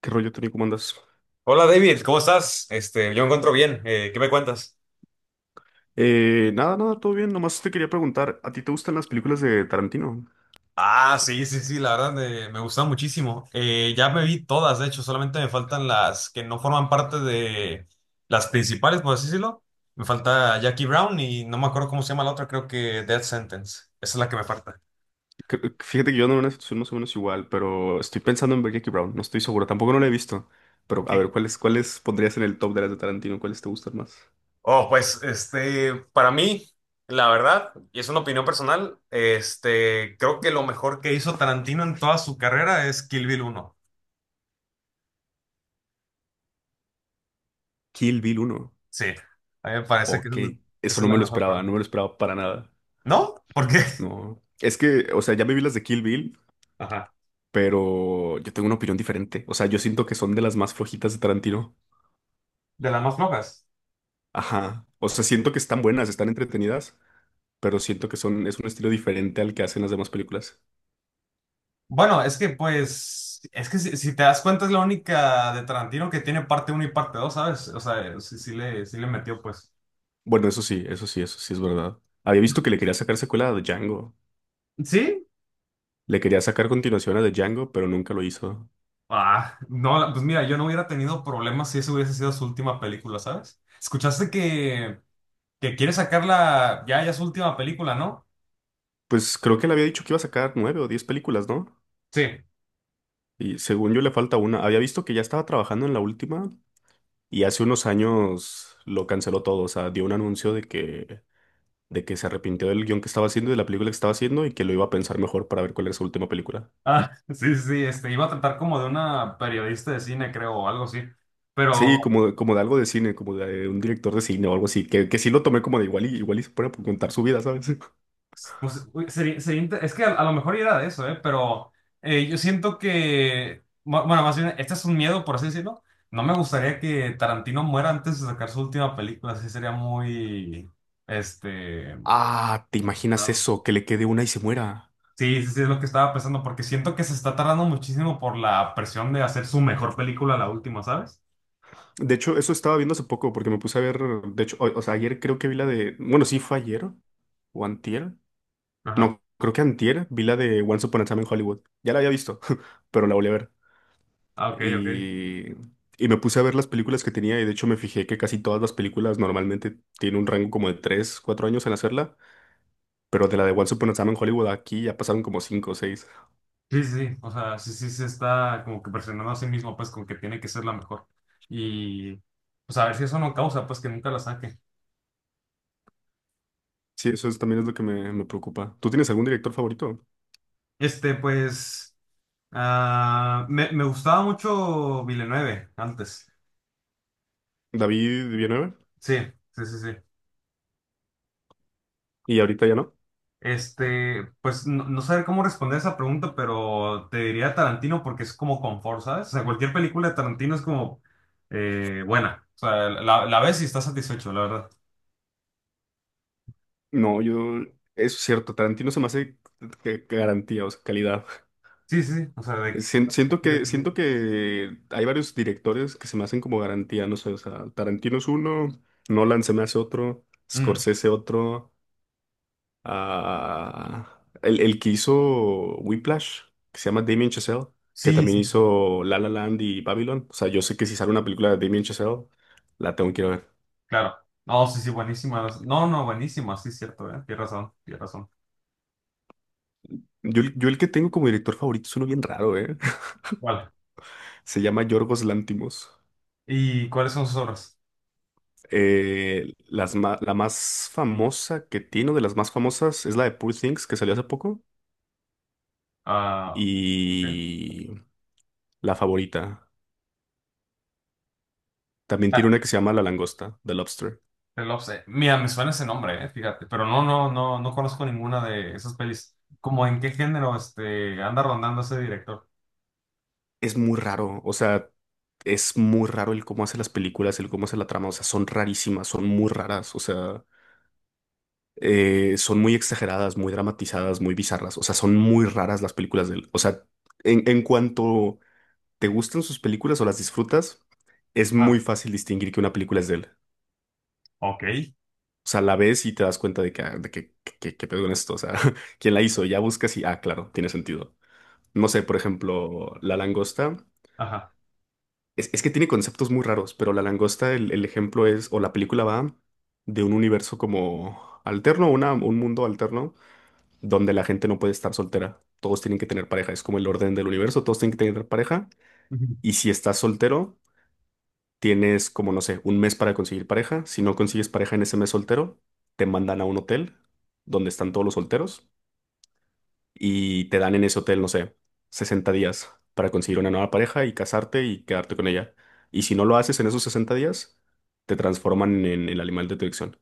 ¿Qué rollo, Tony? ¿Cómo andas? Hola David, ¿cómo estás? Yo me encuentro bien. ¿Qué me cuentas? Nada, todo bien. Nomás te quería preguntar, ¿a ti te gustan las películas de Tarantino? Ah, sí, sí, sí, la verdad me gusta muchísimo. Ya me vi todas, de hecho, solamente me faltan las que no forman parte de las principales, por así decirlo. Me falta Jackie Brown y no me acuerdo cómo se llama la otra, creo que Death Sentence. Esa es la que me falta. Fíjate que yo ando en una situación más o menos igual, pero estoy pensando en ver Jackie Brown. No estoy seguro, tampoco no la he visto. Pero a ver, Bien. ¿cuáles pondrías en el top de las de Tarantino? ¿Cuáles te gustan más? Oh, pues, para mí, la verdad, y es una opinión personal, creo que lo mejor que hizo Tarantino en toda su carrera es Kill Bill uno. Kill Bill uno. Sí, a mí me parece que es Ok, eso esa es no la me lo mejor para esperaba, mí. no me lo esperaba para nada. ¿No? ¿Por qué? No, es que, o sea, ya me vi las de Kill Bill, Ajá. pero yo tengo una opinión diferente. O sea, yo siento que son de las más flojitas de Tarantino. De las más flojas. Ajá, o sea, siento que están buenas, están entretenidas, pero siento que son, es un estilo diferente al que hacen las demás películas. Bueno, es que si te das cuenta es la única de Tarantino que tiene parte uno y parte dos, ¿sabes? O sea, sí le metió pues. Bueno, eso sí, eso sí, eso sí es verdad. Había visto que le quería sacar secuela a Django. ¿Sí? Le quería sacar continuación a The Django, pero nunca lo hizo. Ah, no, pues mira, yo no hubiera tenido problemas si esa hubiese sido su última película, ¿sabes? Escuchaste que, que quiere sacarla ya, su última película, ¿no? Pues creo que le había dicho que iba a sacar nueve o diez películas, ¿no? Sí. Y según yo le falta una. Había visto que ya estaba trabajando en la última y hace unos años lo canceló todo. O sea, dio un anuncio de que se arrepintió del guión que estaba haciendo y de la película que estaba haciendo y que lo iba a pensar mejor para ver cuál era su última película. Ah, sí, sí, sí, iba a tratar como de una periodista de cine, creo, o algo así. Sí, Pero como, como de algo de cine, como de un director de cine o algo así, que sí lo tomé como de igual y igual y se pone a contar su vida, ¿sabes? pues uy, es que a lo mejor era de eso, ¿eh? Pero yo siento que, bueno, más bien, este es un miedo, por así decirlo. No me gustaría que Tarantino muera antes de sacar su última película, así sería muy, este... Ah, ¿te imaginas no. eso? Que le quede una y se muera. Sí, sí, sí, es lo que estaba pensando, porque siento que se está tardando muchísimo por la presión de hacer su mejor película, la última, ¿sabes? De hecho, eso estaba viendo hace poco porque me puse a ver, de hecho, o sea, ayer creo que vi la de, bueno, sí fue ayer o antier, Ajá. no, creo que antier vi la de Once Upon a Time in Hollywood. Ya la había visto, pero la volví a ver. Ah, ok, ok. Y, y me puse a ver las películas que tenía y de hecho me fijé que casi todas las películas normalmente tienen un rango como de 3 4 años en hacerla. Pero de la de Once Upon a Time en Hollywood aquí ya pasaron como cinco o seis. Sí, sí, sí, o sea, sí, sí, se está como que presionando a sí mismo, pues, con que tiene que ser la mejor. Y, pues, a ver si eso no causa, pues, que nunca la saque. Sí, eso es, también es lo que me preocupa. ¿Tú tienes algún director favorito? Pues, ah, me gustaba mucho Villeneuve antes. David Villanueva. Sí, sí, sí, sí. ¿Y ahorita ya no? Pues, no saber cómo responder esa pregunta, pero te diría Tarantino porque es como confort, ¿sabes? O sea, cualquier película de Tarantino es como buena. O sea, la ves y estás satisfecho, la verdad. No, yo... Eso es cierto, Tarantino se me hace que garantía, o sea, calidad. Sí, sí, sí, o sea. Siento que hay varios directores que se me hacen como garantía, no sé, o sea, Tarantino es uno, Nolan se me hace otro, Mm. Scorsese otro. El que hizo Whiplash, que se llama Damien Chazelle, que Sí, también sí, sí, hizo La La Land y Babylon. O sea, yo sé que si sale una película de Damien Chazelle, la tengo que ir a ver. claro. No, sí, sí, buenísima. No, no, buenísima, sí, cierto, ¿eh? Tienes razón, tienes razón. Yo, yo el que tengo como director favorito es uno bien raro, ¿eh? Vale. Se llama Yorgos Lantimos. ¿Y cuáles son sus obras? La más famosa que tiene, o de las más famosas, es la de Poor Things, que salió hace poco. Ah, ¿qué? Y la favorita. También Ah, tiene una que se llama La Langosta, The Lobster. Mira, me suena ese nombre, fíjate, pero no, no, no, no conozco ninguna de esas pelis. ¿Cómo en qué género anda rondando ese director? Es muy raro, o sea, es muy raro el cómo hace las películas, el cómo hace la trama, o sea, son rarísimas, son muy raras, o sea, son muy exageradas, muy dramatizadas, muy bizarras, o sea, son muy raras las películas de él. O sea, en cuanto te gustan sus películas o las disfrutas, es Ah, muy fácil distinguir que una película es de él. ok. O sea, la ves y te das cuenta de que, ah, de que, qué pedo con esto, o sea, quién la hizo, ya buscas y, ah, claro, tiene sentido. No sé, por ejemplo, La Langosta. Ajá. Es que tiene conceptos muy raros, pero la langosta, el ejemplo es, o la película va de un universo como alterno, una, un mundo alterno, donde la gente no puede estar soltera. Todos tienen que tener pareja. Es como el orden del universo, todos tienen que tener pareja. Ujú. Y si estás soltero, tienes como, no sé, un mes para conseguir pareja. Si no consigues pareja en ese mes soltero, te mandan a un hotel donde están todos los solteros y te dan en ese hotel, no sé, 60 días para conseguir una nueva pareja y casarte y quedarte con ella. Y si no lo haces en esos 60 días, te transforman en el animal de tu elección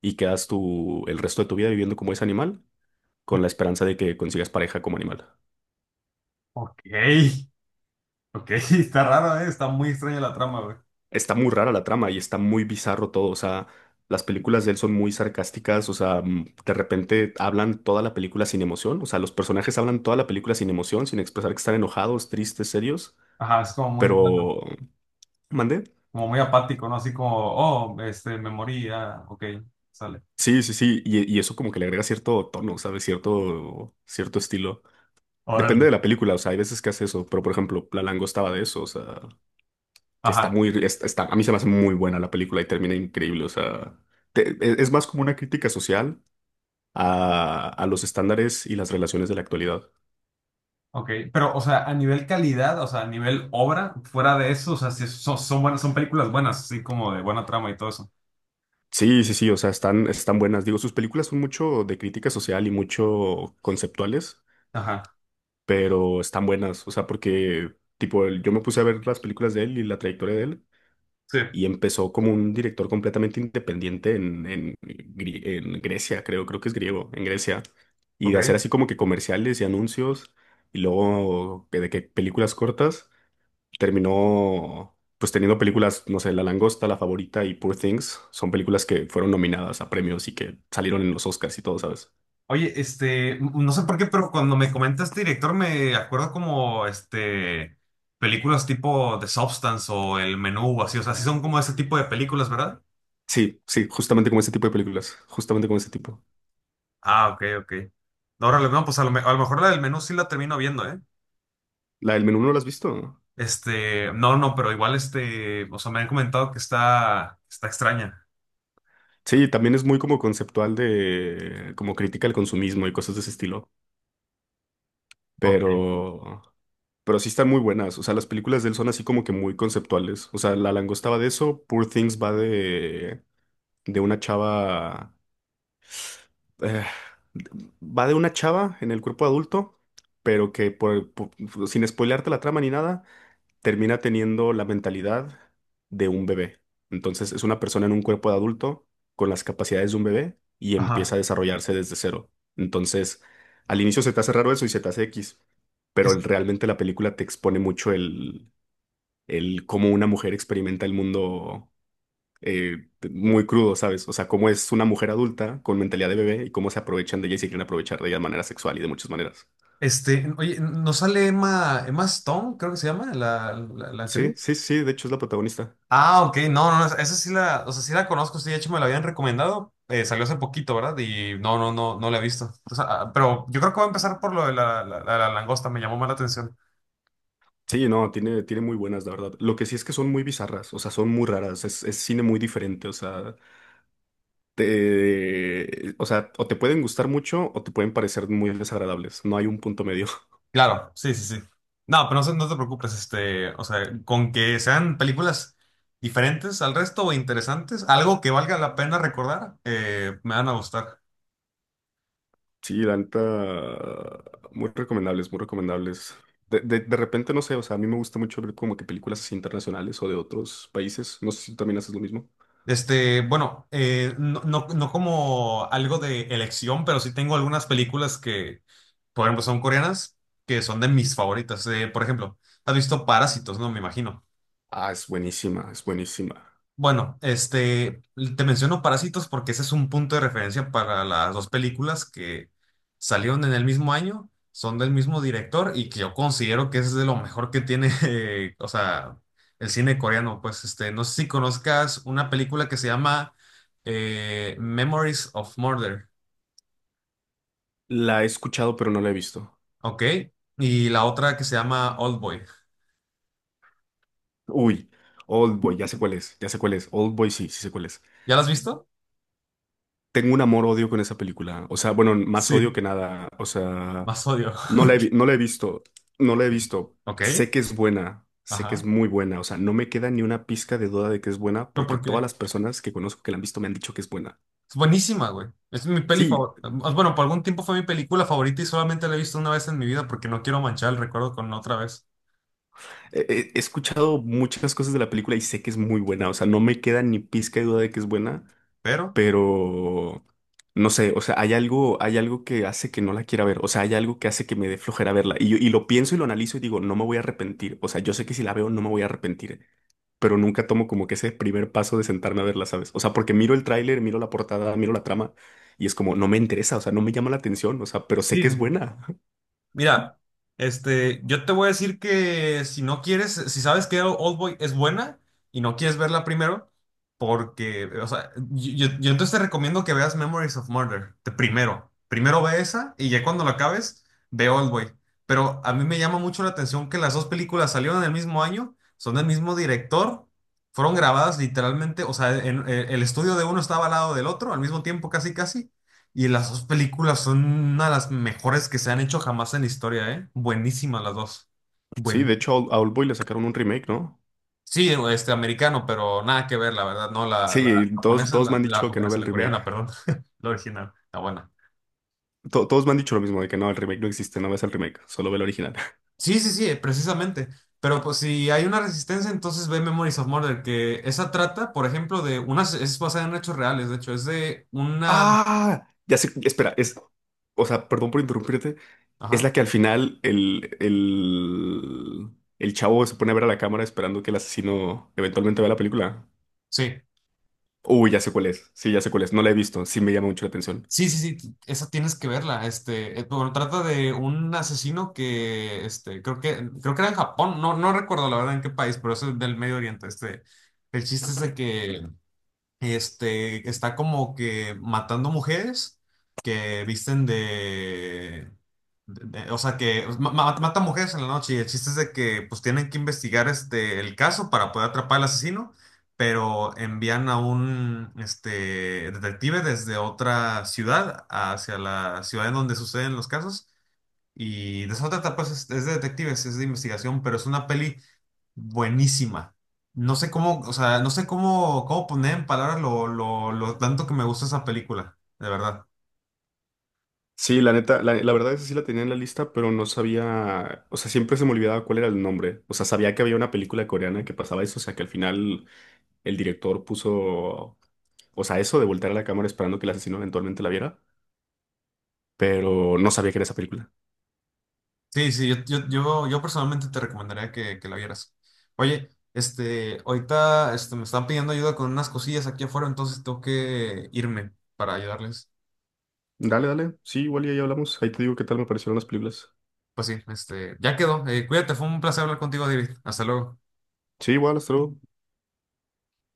y quedas tú el resto de tu vida viviendo como ese animal con la esperanza de que consigas pareja como animal. Ok. Ok, está raro, está muy extraña la trama, güey. Está muy rara la trama y está muy bizarro todo, o sea, las películas de él son muy sarcásticas, o sea, de repente hablan toda la película sin emoción, o sea, los personajes hablan toda la película sin emoción, sin expresar que están enojados, tristes, serios, Ajá, es como muy plano, pero... ¿Mandé? como muy apático, ¿no? Así como, oh, me morí, ah, ok, sale. Sí, sí, sí, y eso como que le agrega cierto tono, ¿sabes? Cierto, cierto estilo. Depende Órale. de la película, o sea, hay veces que hace eso, pero por ejemplo, La Langosta estaba de eso, o sea, que está Ajá, muy, está, a mí se me hace muy buena la película y termina increíble, o sea, es más como una crítica social a los estándares y las relaciones de la actualidad. ok. Pero, o sea, a nivel calidad, o sea, a nivel obra, fuera de eso, o sea, si son buenas, son películas buenas, así como de buena trama y todo eso. Sí, sí, sí, o sea, están, están buenas. Digo, sus películas son mucho de crítica social y mucho conceptuales, Ajá, pero están buenas, o sea, porque, tipo, yo me puse a ver las películas de él y la trayectoria de él. sí, Y empezó como un director completamente independiente en, en Grecia, creo, creo que es griego, en Grecia, y de hacer ok. así como que comerciales y anuncios, y luego de que películas cortas, terminó pues teniendo películas, no sé, La Langosta, La Favorita y Poor Things, son películas que fueron nominadas a premios y que salieron en los Oscars y todo, ¿sabes? Oye, no sé por qué, pero cuando me comenta este director me acuerdo como, películas tipo The Substance o El Menú o así, o sea, sí son como ese tipo de películas, ¿verdad? Sí, sí, justamente como ese tipo de películas, justamente como ese tipo. Ah, ok, ok. Ahora, no, pues a lo mejor la del menú sí la termino viendo, ¿eh? La del menú no la has visto. No, no, pero igual o sea, me han comentado que está extraña. Sí, también es muy como conceptual de, como crítica al consumismo y cosas de ese estilo, Ok. pero, pero sí están muy buenas. O sea, las películas de él son así como que muy conceptuales. O sea, La Langosta va de eso, Poor Things va de una chava, eh, va de una chava en el cuerpo adulto, pero que por, sin spoilearte la trama ni nada termina teniendo la mentalidad de un bebé. Entonces es una persona en un cuerpo de adulto con las capacidades de un bebé y empieza a Ajá. desarrollarse desde cero. Entonces, al inicio se te hace raro eso y se te hace X, pero Es- realmente la película te expone mucho el cómo una mujer experimenta el mundo muy crudo, ¿sabes? O sea, cómo es una mujer adulta con mentalidad de bebé y cómo se aprovechan de ella y se quieren aprovechar de ella de manera sexual y de muchas maneras. Oye, ¿nos sale Emma Stone, creo que se llama, la Sí, actriz? sí, sí, de hecho es la protagonista. Ah, ok, no, no, no, esa sí la, o sea, sí la conozco, sí, de hecho me la habían recomendado, salió hace poquito, ¿verdad? Y no, no, no, no la he visto. O sea, ah, pero yo creo que voy a empezar por lo de la langosta, me llamó más la atención. Sí, no, tiene, tiene muy buenas, la verdad. Lo que sí es que son muy bizarras, o sea, son muy raras, es cine muy diferente, o sea, te, o sea, o te pueden gustar mucho o te pueden parecer muy desagradables, no hay un punto medio. Claro, sí, sí, sí. No, pero no, no te preocupes, o sea, con que sean películas diferentes al resto o interesantes, algo que valga la pena recordar, me van a gustar. Sí, la neta, muy recomendables, muy recomendables. De repente, no sé, o sea, a mí me gusta mucho ver como que películas así internacionales o de otros países, no sé si tú también haces lo mismo. Bueno, no, no, no como algo de elección, pero sí tengo algunas películas que, por ejemplo, son coreanas, que son de mis favoritas. Por ejemplo, has visto Parásitos, ¿no? Me imagino. Ah, es buenísima, es buenísima. Bueno, te menciono Parásitos porque ese es un punto de referencia para las dos películas que salieron en el mismo año, son del mismo director y que yo considero que es de lo mejor que tiene, o sea, el cine coreano. Pues, no sé si conozcas una película que se llama Memories of Murder, La he escuchado, pero no la he visto. ¿ok? Y la otra que se llama Oldboy. Uy, Oldboy, ya sé cuál es, ya sé cuál es, Oldboy sí, sí sé cuál es. ¿Ya la has visto? Tengo un amor-odio con esa película. O sea, bueno, más odio Sí. que nada. O sea, Más odio. no la he, no la he visto. No la he visto. Ok, ok, Sé que es buena. Sé que es ajá. muy buena. O sea, no me queda ni una pizca de duda de que es buena ¿Pero porque por todas qué? las personas que conozco que la han visto me han dicho que es buena. Es buenísima, güey. Es mi peli Sí, favorita. Bueno, por algún tiempo fue mi película favorita y solamente la he visto una vez en mi vida porque no quiero manchar el recuerdo con otra vez. he, he escuchado muchas cosas de la película y sé que es muy buena. O sea, no me queda ni pizca de duda de que es buena, Pero pero no sé, o sea, hay algo que hace que no la quiera ver, o sea, hay algo que hace que me dé flojera verla. Y, y lo pienso y lo analizo y digo, no me voy a arrepentir, o sea, yo sé que si la veo no me voy a arrepentir, pero nunca tomo como que ese primer paso de sentarme a verla, ¿sabes? O sea, porque miro el tráiler, miro la portada, miro la trama y es como, no me interesa, o sea, no me llama la atención, o sea, pero sé que es sí, buena. mira, yo te voy a decir que si no quieres, si sabes que Oldboy es buena y no quieres verla primero, porque, o sea, yo entonces te recomiendo que veas Memories of Murder, de primero. Primero ve esa y ya cuando la acabes, ve Oldboy. Pero a mí me llama mucho la atención que las dos películas salieron en el mismo año, son del mismo director, fueron grabadas literalmente, o sea, el estudio de uno estaba al lado del otro, al mismo tiempo casi casi, y las dos películas son una de las mejores que se han hecho jamás en la historia, ¿eh? Buenísimas las dos. Sí, de Buenísimas. hecho, a Old- Boy le sacaron un remake, ¿no? Sí, este americano, pero nada que ver, la verdad, no, la Sí, todos, japonesa, es todos me la, han la dicho que no japonesa, vea el la remake. coreana, perdón, la original, la buena. Todos me han dicho lo mismo, de que no, el remake no existe, no veas el remake, solo ve el original. Sí, sí, sí, precisamente. Pero pues si hay una resistencia, entonces ve Memories of Murder, que esa trata, por ejemplo, de unas, es basada en hechos reales, de hecho, es de una. Ah, ya sé, espera, es, o sea, perdón por interrumpirte, es la Ajá, que al final el chavo se pone a ver a la cámara esperando que el asesino eventualmente vea la película. sí. Uy, ya sé cuál es, sí, ya sé cuál es, no la he visto, sí me llama mucho la atención. Sí, sí, sí, esa tienes que verla. Bueno, trata de un asesino que, creo que era en Japón, no recuerdo la verdad en qué país, pero es del Medio Oriente. El chiste es de que está como que matando mujeres que visten o sea, que mata mujeres en la noche y el chiste es de que pues tienen que investigar el caso para poder atrapar al asesino, pero envían a un detective desde otra ciudad hacia la ciudad en donde suceden los casos y de eso trata, pues es de detectives, es de investigación, pero es una peli buenísima. No sé cómo, o sea, no sé cómo poner en palabras lo tanto que me gusta esa película, de verdad. Sí, la neta, la verdad es que sí la tenía en la lista, pero no sabía, o sea, siempre se me olvidaba cuál era el nombre. O sea, sabía que había una película coreana que pasaba eso, o sea, que al final el director puso, o sea, eso de voltear a la cámara esperando que el asesino eventualmente la viera, pero no sabía que era esa película. Sí, sí, yo personalmente te recomendaría que la vieras. Oye, ahorita me están pidiendo ayuda con unas cosillas aquí afuera, entonces tengo que irme para ayudarles. Dale, dale. Sí, igual y ahí hablamos. Ahí te digo qué tal me parecieron las películas. Pues sí, ya quedó. Cuídate, fue un placer hablar contigo, David. Hasta luego. Sí, igual, hasta luego.